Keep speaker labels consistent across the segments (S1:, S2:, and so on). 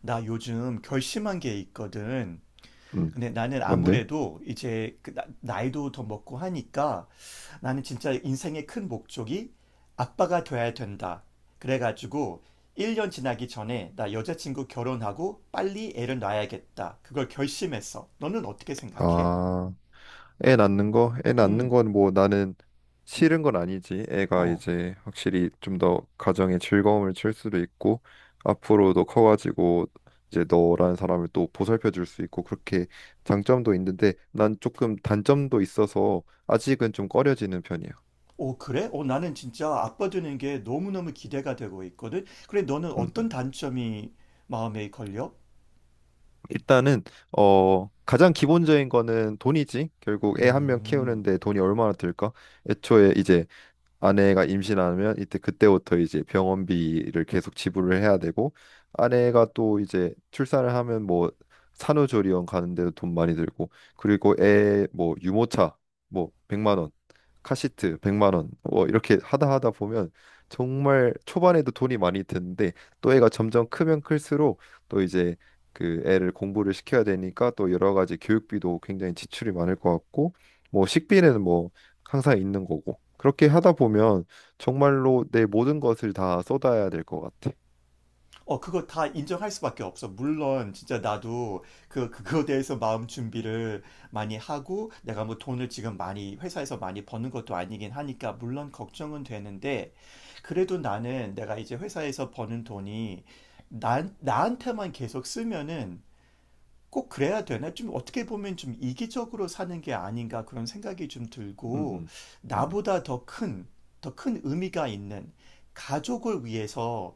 S1: 나 요즘 결심한 게 있거든.
S2: 음,
S1: 근데 나는
S2: 뭔데?
S1: 아무래도 이제 그 나이도 더 먹고 하니까 나는 진짜 인생의 큰 목적이 아빠가 돼야 된다. 그래가지고 1년 지나기 전에 나 여자친구 결혼하고 빨리 애를 낳아야겠다. 그걸 결심했어. 너는 어떻게 생각해?
S2: 아, 애 낳는 거? 애 낳는
S1: 음.
S2: 건 뭐 나는 싫은 건 아니지. 애가
S1: 어.
S2: 이제 확실히 좀 더 가정에 즐거움을 줄 수도 있고, 앞으로도 커가지고 이제 너라는 사람을 또 보살펴 줄 수 있고, 그렇게 장점도 있는데, 난 조금 단점도 있어서 아직은 좀 꺼려지는 편이야.
S1: 오, 그래? 어, 나는 진짜 아빠 되는 게 너무너무 기대가 되고 있거든. 그래, 너는
S2: 음,
S1: 어떤
S2: 음.
S1: 단점이 마음에 걸려?
S2: 일단은, 가장 기본적인 거는 돈이지. 결국 애 한 명
S1: 음.
S2: 키우는데 돈이 얼마나 들까? 애초에 이제 아내가 임신하면 이때 그때부터 이제 병원비를 계속 지불을 해야 되고 아내가 또 이제 출산을 하면 뭐 산후조리원 가는 데도 돈 많이 들고 그리고 애 뭐 유모차 뭐 100만 원 카시트 100만 원뭐 이렇게 하다 보면 정말 초반에도 돈이 많이 드는데 또 애가 점점 크면 클수록 또 이제 그 애를 공부를 시켜야 되니까 또 여러 가지 교육비도 굉장히 지출이 많을 것 같고 뭐 식비는 뭐 항상 있는 거고. 그렇게 하다 보면 정말로 내 모든 것을 다 쏟아야 될 것 같아.
S1: 어, 그거 다 인정할 수밖에 없어. 물론, 진짜 나도 그거에 대해서 마음 준비를 많이 하고, 내가 뭐 돈을 지금 많이, 회사에서 많이 버는 것도 아니긴 하니까, 물론 걱정은 되는데, 그래도 나는 내가 이제 회사에서 버는 돈이 나한테만 계속 쓰면은 꼭 그래야 되나? 좀 어떻게 보면 좀 이기적으로 사는 게 아닌가 그런 생각이 좀
S2: 음,
S1: 들고,
S2: 음, 음,
S1: 나보다 더 큰, 더 큰 의미가 있는 가족을 위해서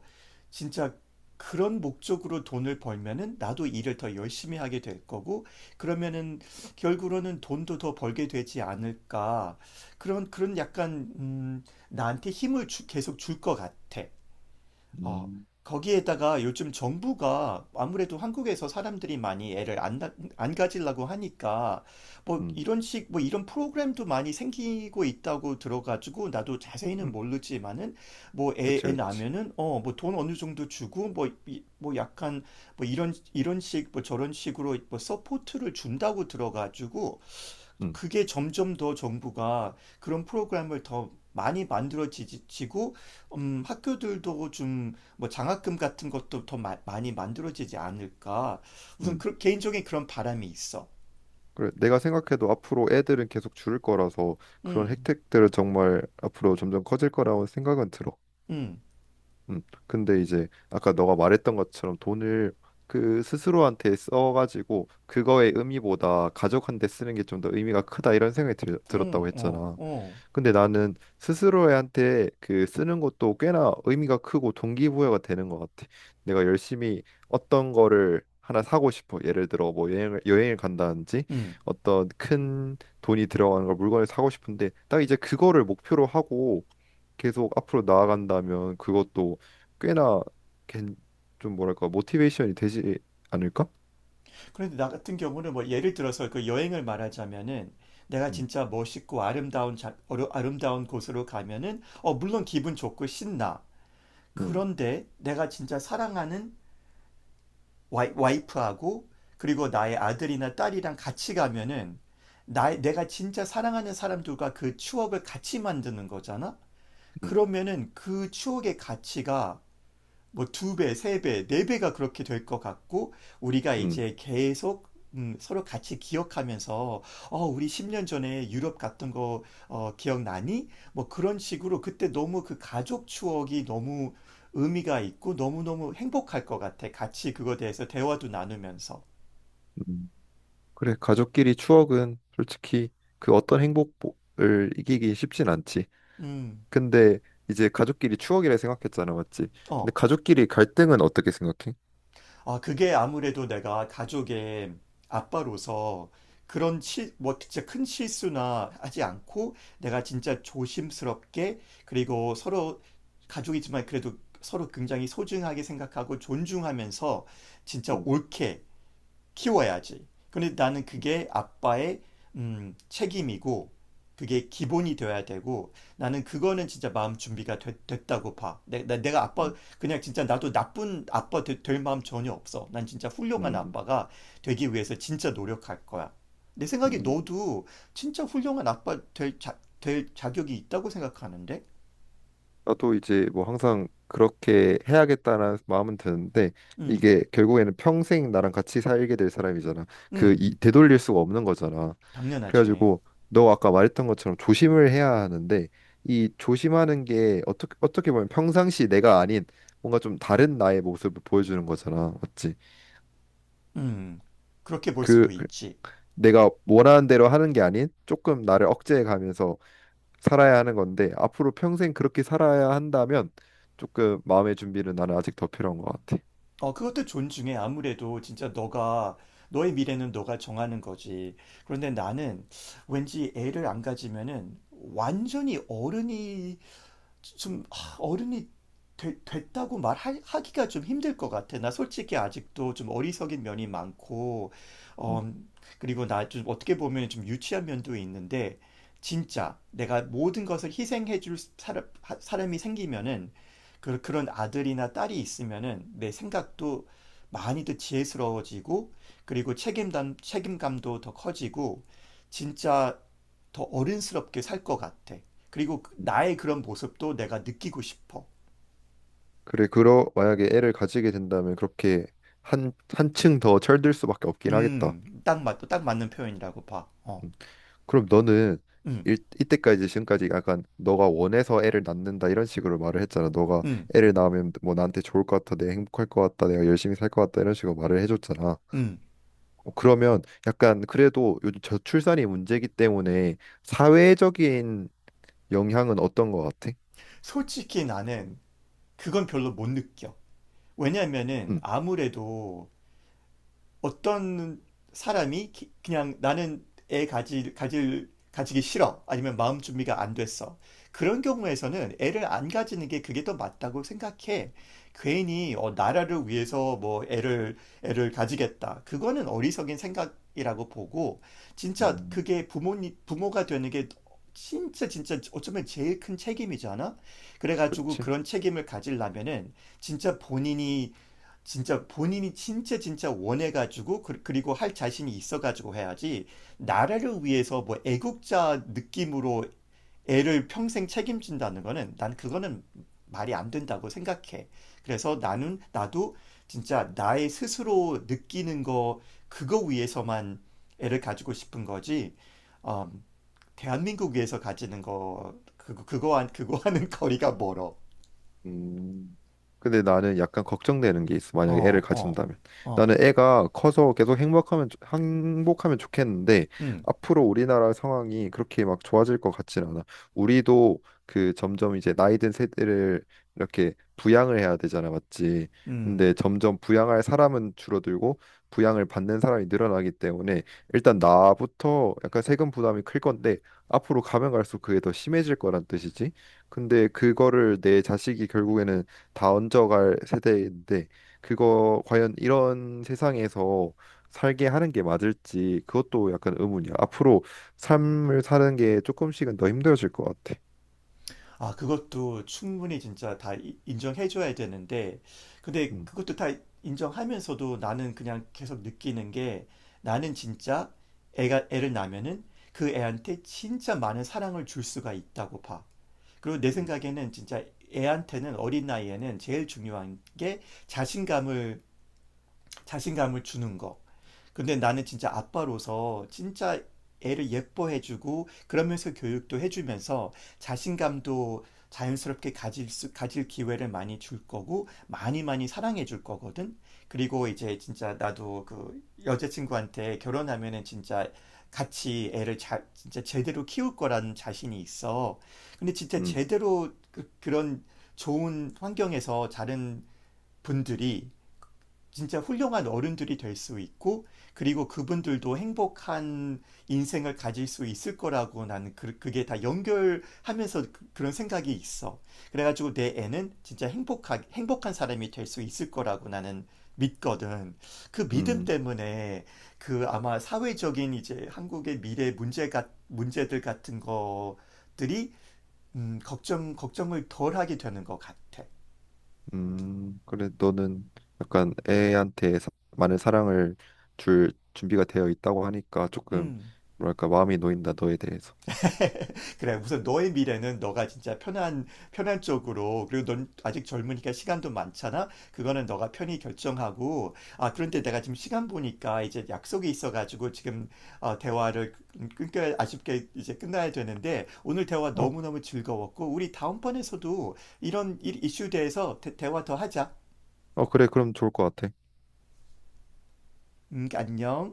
S1: 진짜 그런 목적으로 돈을 벌면은 나도 일을 더 열심히 하게 될 거고, 그러면은 결국으로는 돈도 더 벌게 되지 않을까. 그런 약간, 나한테 힘을 계속 줄 것 같아. 어,
S2: 음,
S1: 거기에다가 요즘 정부가 아무래도 한국에서 사람들이 많이 애를 안 가지려고 하니까 뭐
S2: 음,
S1: 이런 프로그램도 많이 생기고 있다고 들어가지고 나도 자세히는
S2: 음.
S1: 모르지만은 뭐 애,
S2: 그렇지,
S1: 애
S2: 그렇지.
S1: 낳으면은 뭐 돈 어느 정도 주고 뭐 약간 뭐 이런 식, 뭐 저런 식으로 뭐 서포트를 준다고 들어가지고
S2: 음,
S1: 그게 점점 더 정부가 그런 프로그램을 더 많이 만들어지고, 학교들도 좀 뭐 장학금 같은 것도 더 많이 만들어지지 않을까. 우선
S2: 음.
S1: 그, 개인적인 그런 바람이 있어.
S2: 그래, 내가 생각해도 앞으로 애들은 계속 줄을 거라서 그런
S1: 음.
S2: 혜택들은 정말 앞으로 점점 커질 거라고 생각은 들어.
S1: 음.
S2: 근데 이제 아까 너가 말했던 것처럼 돈을 그 스스로한테 써가지고 그거의 의미보다 가족한테 쓰는 게 좀 더 의미가 크다 이런 생각이
S1: 음.
S2: 들었다고
S1: 어.
S2: 했잖아.
S1: 어.
S2: 근데 나는 스스로한테 그 쓰는 것도 꽤나 의미가 크고 동기부여가 되는 것 같아. 내가 열심히 어떤 거를 하나 사고 싶어. 예를 들어 뭐 여행을 간다든지
S1: 음.
S2: 어떤 큰 돈이 들어가는 걸 물건을 사고 싶은데 딱 이제 그거를 목표로 하고 계속 앞으로 나아간다면 그것도 꽤나 괜- 좀 뭐랄까 모티베이션이 되지 않을까?
S1: 그런데 나 같은 경우는 뭐 예를 들어서 그 여행을 말하자면은 내가
S2: 음,
S1: 진짜 멋있고 아름다운 아름다운 곳으로 가면은 어, 물론 기분 좋고 신나.
S2: 음,
S1: 그런데 내가 진짜 사랑하는 와이프하고 그리고 나의 아들이나 딸이랑 같이 가면은 내가 진짜 사랑하는 사람들과 그 추억을 같이 만드는 거잖아?
S2: 음,
S1: 그러면은 그 추억의 가치가 뭐 두 배, 세 배, 네 배가 그렇게 될 것 같고 우리가
S2: 음.
S1: 이제 계속 서로 같이 기억하면서 어, 우리 10년 전에 유럽 갔던 거 어, 기억나니? 뭐 그런 식으로 그때 너무 그 가족 추억이 너무 의미가 있고 너무너무 행복할 것 같아. 같이 그거에 대해서 대화도 나누면서.
S2: 음. 그래, 가족끼리 추억은 솔직히 그 어떤 행복을 이기기 쉽진 않지.
S1: 음.
S2: 근데 이제 가족끼리 추억이라 생각했잖아, 맞지? 근데
S1: 어.
S2: 가족끼리 갈등은 어떻게 생각해?
S1: 아, 그게 아무래도 내가 가족의 아빠로서 그런 뭐 진짜 큰 실수나 하지 않고 내가 진짜 조심스럽게 그리고 서로 가족이지만 그래도 서로 굉장히 소중하게 생각하고 존중하면서 진짜
S2: 음,
S1: 옳게 키워야지. 근데 나는 그게 아빠의 책임이고 그게 기본이 되어야 되고 나는 그거는 진짜 마음 준비가 됐다고 봐. 내가 아빠
S2: 음,
S1: 그냥 진짜 나도 나쁜 아빠 될 마음 전혀 없어. 난 진짜 훌륭한
S2: 음,
S1: 아빠가 되기 위해서 진짜 노력할 거야. 내 생각에
S2: 음.
S1: 너도 진짜 훌륭한 아빠 될 자격이 있다고 생각하는데?
S2: 나도 이제 뭐 항상 그렇게 해야겠다는 마음은 드는데
S1: 음.
S2: 이게 결국에는 평생 나랑 같이 살게 될 사람이잖아. 그
S1: 음.
S2: 이, 되돌릴 수가 없는 거잖아.
S1: 당연하지.
S2: 그래가지고 너 아까 말했던 것처럼 조심을 해야 하는데 이 조심하는 게 어떻게 보면 평상시 내가 아닌 뭔가 좀 다른 나의 모습을 보여주는 거잖아. 맞지?
S1: 음, 그렇게 볼
S2: 그
S1: 수도
S2: 그-
S1: 있지.
S2: 내가 원하는 대로 하는 게 아닌 조금 나를 억제해 가면서 살아야 하는 건데 앞으로 평생 그렇게 살아야 한다면 조금 마음의 준비는 나는 아직 더 필요한 것 같아.
S1: 어, 그것도 존중해. 아무래도 진짜 너의 미래는 너가 정하는 거지. 그런데 나는 왠지 애를 안 가지면은 완전히 어른이 좀 어른이 됐다고 말하기가 좀 힘들 것 같아. 나 솔직히 아직도 좀 어리석인 면이 많고,
S2: 음.
S1: 어, 그리고 나 좀 어떻게 보면 좀 유치한 면도 있는데, 진짜 내가 모든 것을 희생해 줄 사람이 생기면은, 그런 아들이나 딸이 있으면은 내 생각도 많이 더 지혜스러워지고, 그리고 책임감도 더 커지고, 진짜 더 어른스럽게 살 것 같아. 그리고 나의 그런 모습도 내가 느끼고 싶어.
S2: 그래, 그러 만약에 애를 가지게 된다면 그렇게 한 한층 더 철들 수밖에 없긴 하겠다.
S1: 딱 맞는 표현이라고 봐. 어.
S2: 음. 그럼 너는
S1: 음.
S2: 이때까지 지금까지 약간 너가 원해서 애를 낳는다 이런 식으로 말을 했잖아. 너가
S1: 음.
S2: 애를 낳으면 뭐 나한테 좋을 것 같아, 내가 행복할 것 같다, 내가 열심히 살 것 같다 이런 식으로 말을 해줬잖아.
S1: 음.
S2: 어, 그러면 약간 그래도 요즘 저출산이 문제이기 때문에 사회적인 영향은 어떤 거 같아?
S1: 솔직히 나는 그건 별로 못 느껴. 왜냐면은
S2: 응,
S1: 아무래도 어떤 사람이 그냥 나는 애 가지기 싫어. 아니면 마음 준비가 안 됐어. 그런 경우에서는 애를 안 가지는 게 그게 더 맞다고 생각해. 괜히 나라를 위해서 뭐 애를 가지겠다. 그거는 어리석인 생각이라고 보고, 진짜
S2: 음,
S1: 그게 부모가 되는 게 진짜 진짜 어쩌면 제일 큰 책임이잖아? 그래가지고
S2: 그치.
S1: 그런 책임을 가지려면은 진짜 본인이 진짜 본인이 진짜 진짜 원해가지고 그리고 할 자신이 있어가지고 해야지 나라를 위해서 뭐 애국자 느낌으로 애를 평생 책임진다는 거는 난 그거는 말이 안 된다고 생각해. 그래서 나는 나도 진짜 나의 스스로 느끼는 거 그거 위해서만 애를 가지고 싶은 거지. 어, 대한민국 위해서 가지는 거 그거 한 그거 하는 거리가 멀어.
S2: 음. 근데 나는 약간 걱정되는 게 있어. 만약에 애를
S1: 어. 어.
S2: 가진다면.
S1: 어.
S2: 나는 애가 커서 계속 행복하면 좋겠는데
S1: 음.
S2: 앞으로 우리나라 상황이 그렇게 막 좋아질 것 같진 않아. 우리도 그 점점 이제 나이 든 세대를 이렇게 부양을 해야 되잖아, 맞지? 근데
S1: 음.
S2: 점점 부양할 사람은 줄어들고 부양을 받는 사람이 늘어나기 때문에 일단 나부터 약간 세금 부담이 클 건데 앞으로 가면 갈수록 그게 더 심해질 거란 뜻이지. 근데 그거를 내 자식이 결국에는 다 얹어갈 세대인데 그거 과연 이런 세상에서 살게 하는 게 맞을지 그것도 약간 의문이야. 앞으로 삶을 사는 게 조금씩은 더 힘들어질 것 같아.
S1: 아, 그것도 충분히 진짜 다 인정해줘야 되는데, 근데
S2: 음,
S1: 그것도 다 인정하면서도 나는 그냥 계속 느끼는 게 나는 진짜 애를 낳으면은 그 애한테 진짜 많은 사랑을 줄 수가 있다고 봐. 그리고 내
S2: 음,
S1: 생각에는 진짜 애한테는 어린 나이에는 제일 중요한 게 자신감을, 자신감을 주는 거. 근데 나는 진짜 아빠로서 진짜 애를 예뻐해주고 그러면서 교육도 해주면서 자신감도 자연스럽게 가질 기회를 많이 줄 거고 많이 많이 사랑해 줄 거거든. 그리고 이제 진짜 나도 그 여자친구한테 결혼하면은 진짜 같이 애를 잘 진짜 제대로 키울 거라는 자신이 있어. 근데 진짜
S2: 음.
S1: 제대로 그런 좋은 환경에서 자른 분들이 진짜 훌륭한 어른들이 될 수 있고, 그리고 그분들도 행복한 인생을 가질 수 있을 거라고 나는 그게 다 연결하면서 그런 생각이 있어. 그래가지고 내 애는 진짜 행복한 사람이 될 수 있을 거라고 나는 믿거든. 그 믿음
S2: 음,
S1: 때문에 그 아마 사회적인 이제 한국의 미래 문제들 같은 것들이, 걱정을 덜 하게 되는 것 같아.
S2: 그래 너는 약간 많은 사랑을 줄 준비가 되어 있다고 하니까 조금
S1: 음.
S2: 뭐랄까 마음이 놓인다 너에 대해서.
S1: 그래, 우선 너의 미래는 너가 진짜 편한 쪽으로, 그리고 넌 아직 젊으니까 시간도 많잖아? 그거는 너가 편히 결정하고, 아, 그런데 내가 지금 시간 보니까 이제 약속이 있어가지고 지금 대화를 끊겨, 아쉽게 이제 끝나야 되는데, 오늘 대화
S2: 어,
S1: 너무너무 즐거웠고, 우리 다음번에서도 이런 이슈에 대해서 대화 더 하자.
S2: 어 그래 그럼 좋을 것 같아.
S1: 안녕.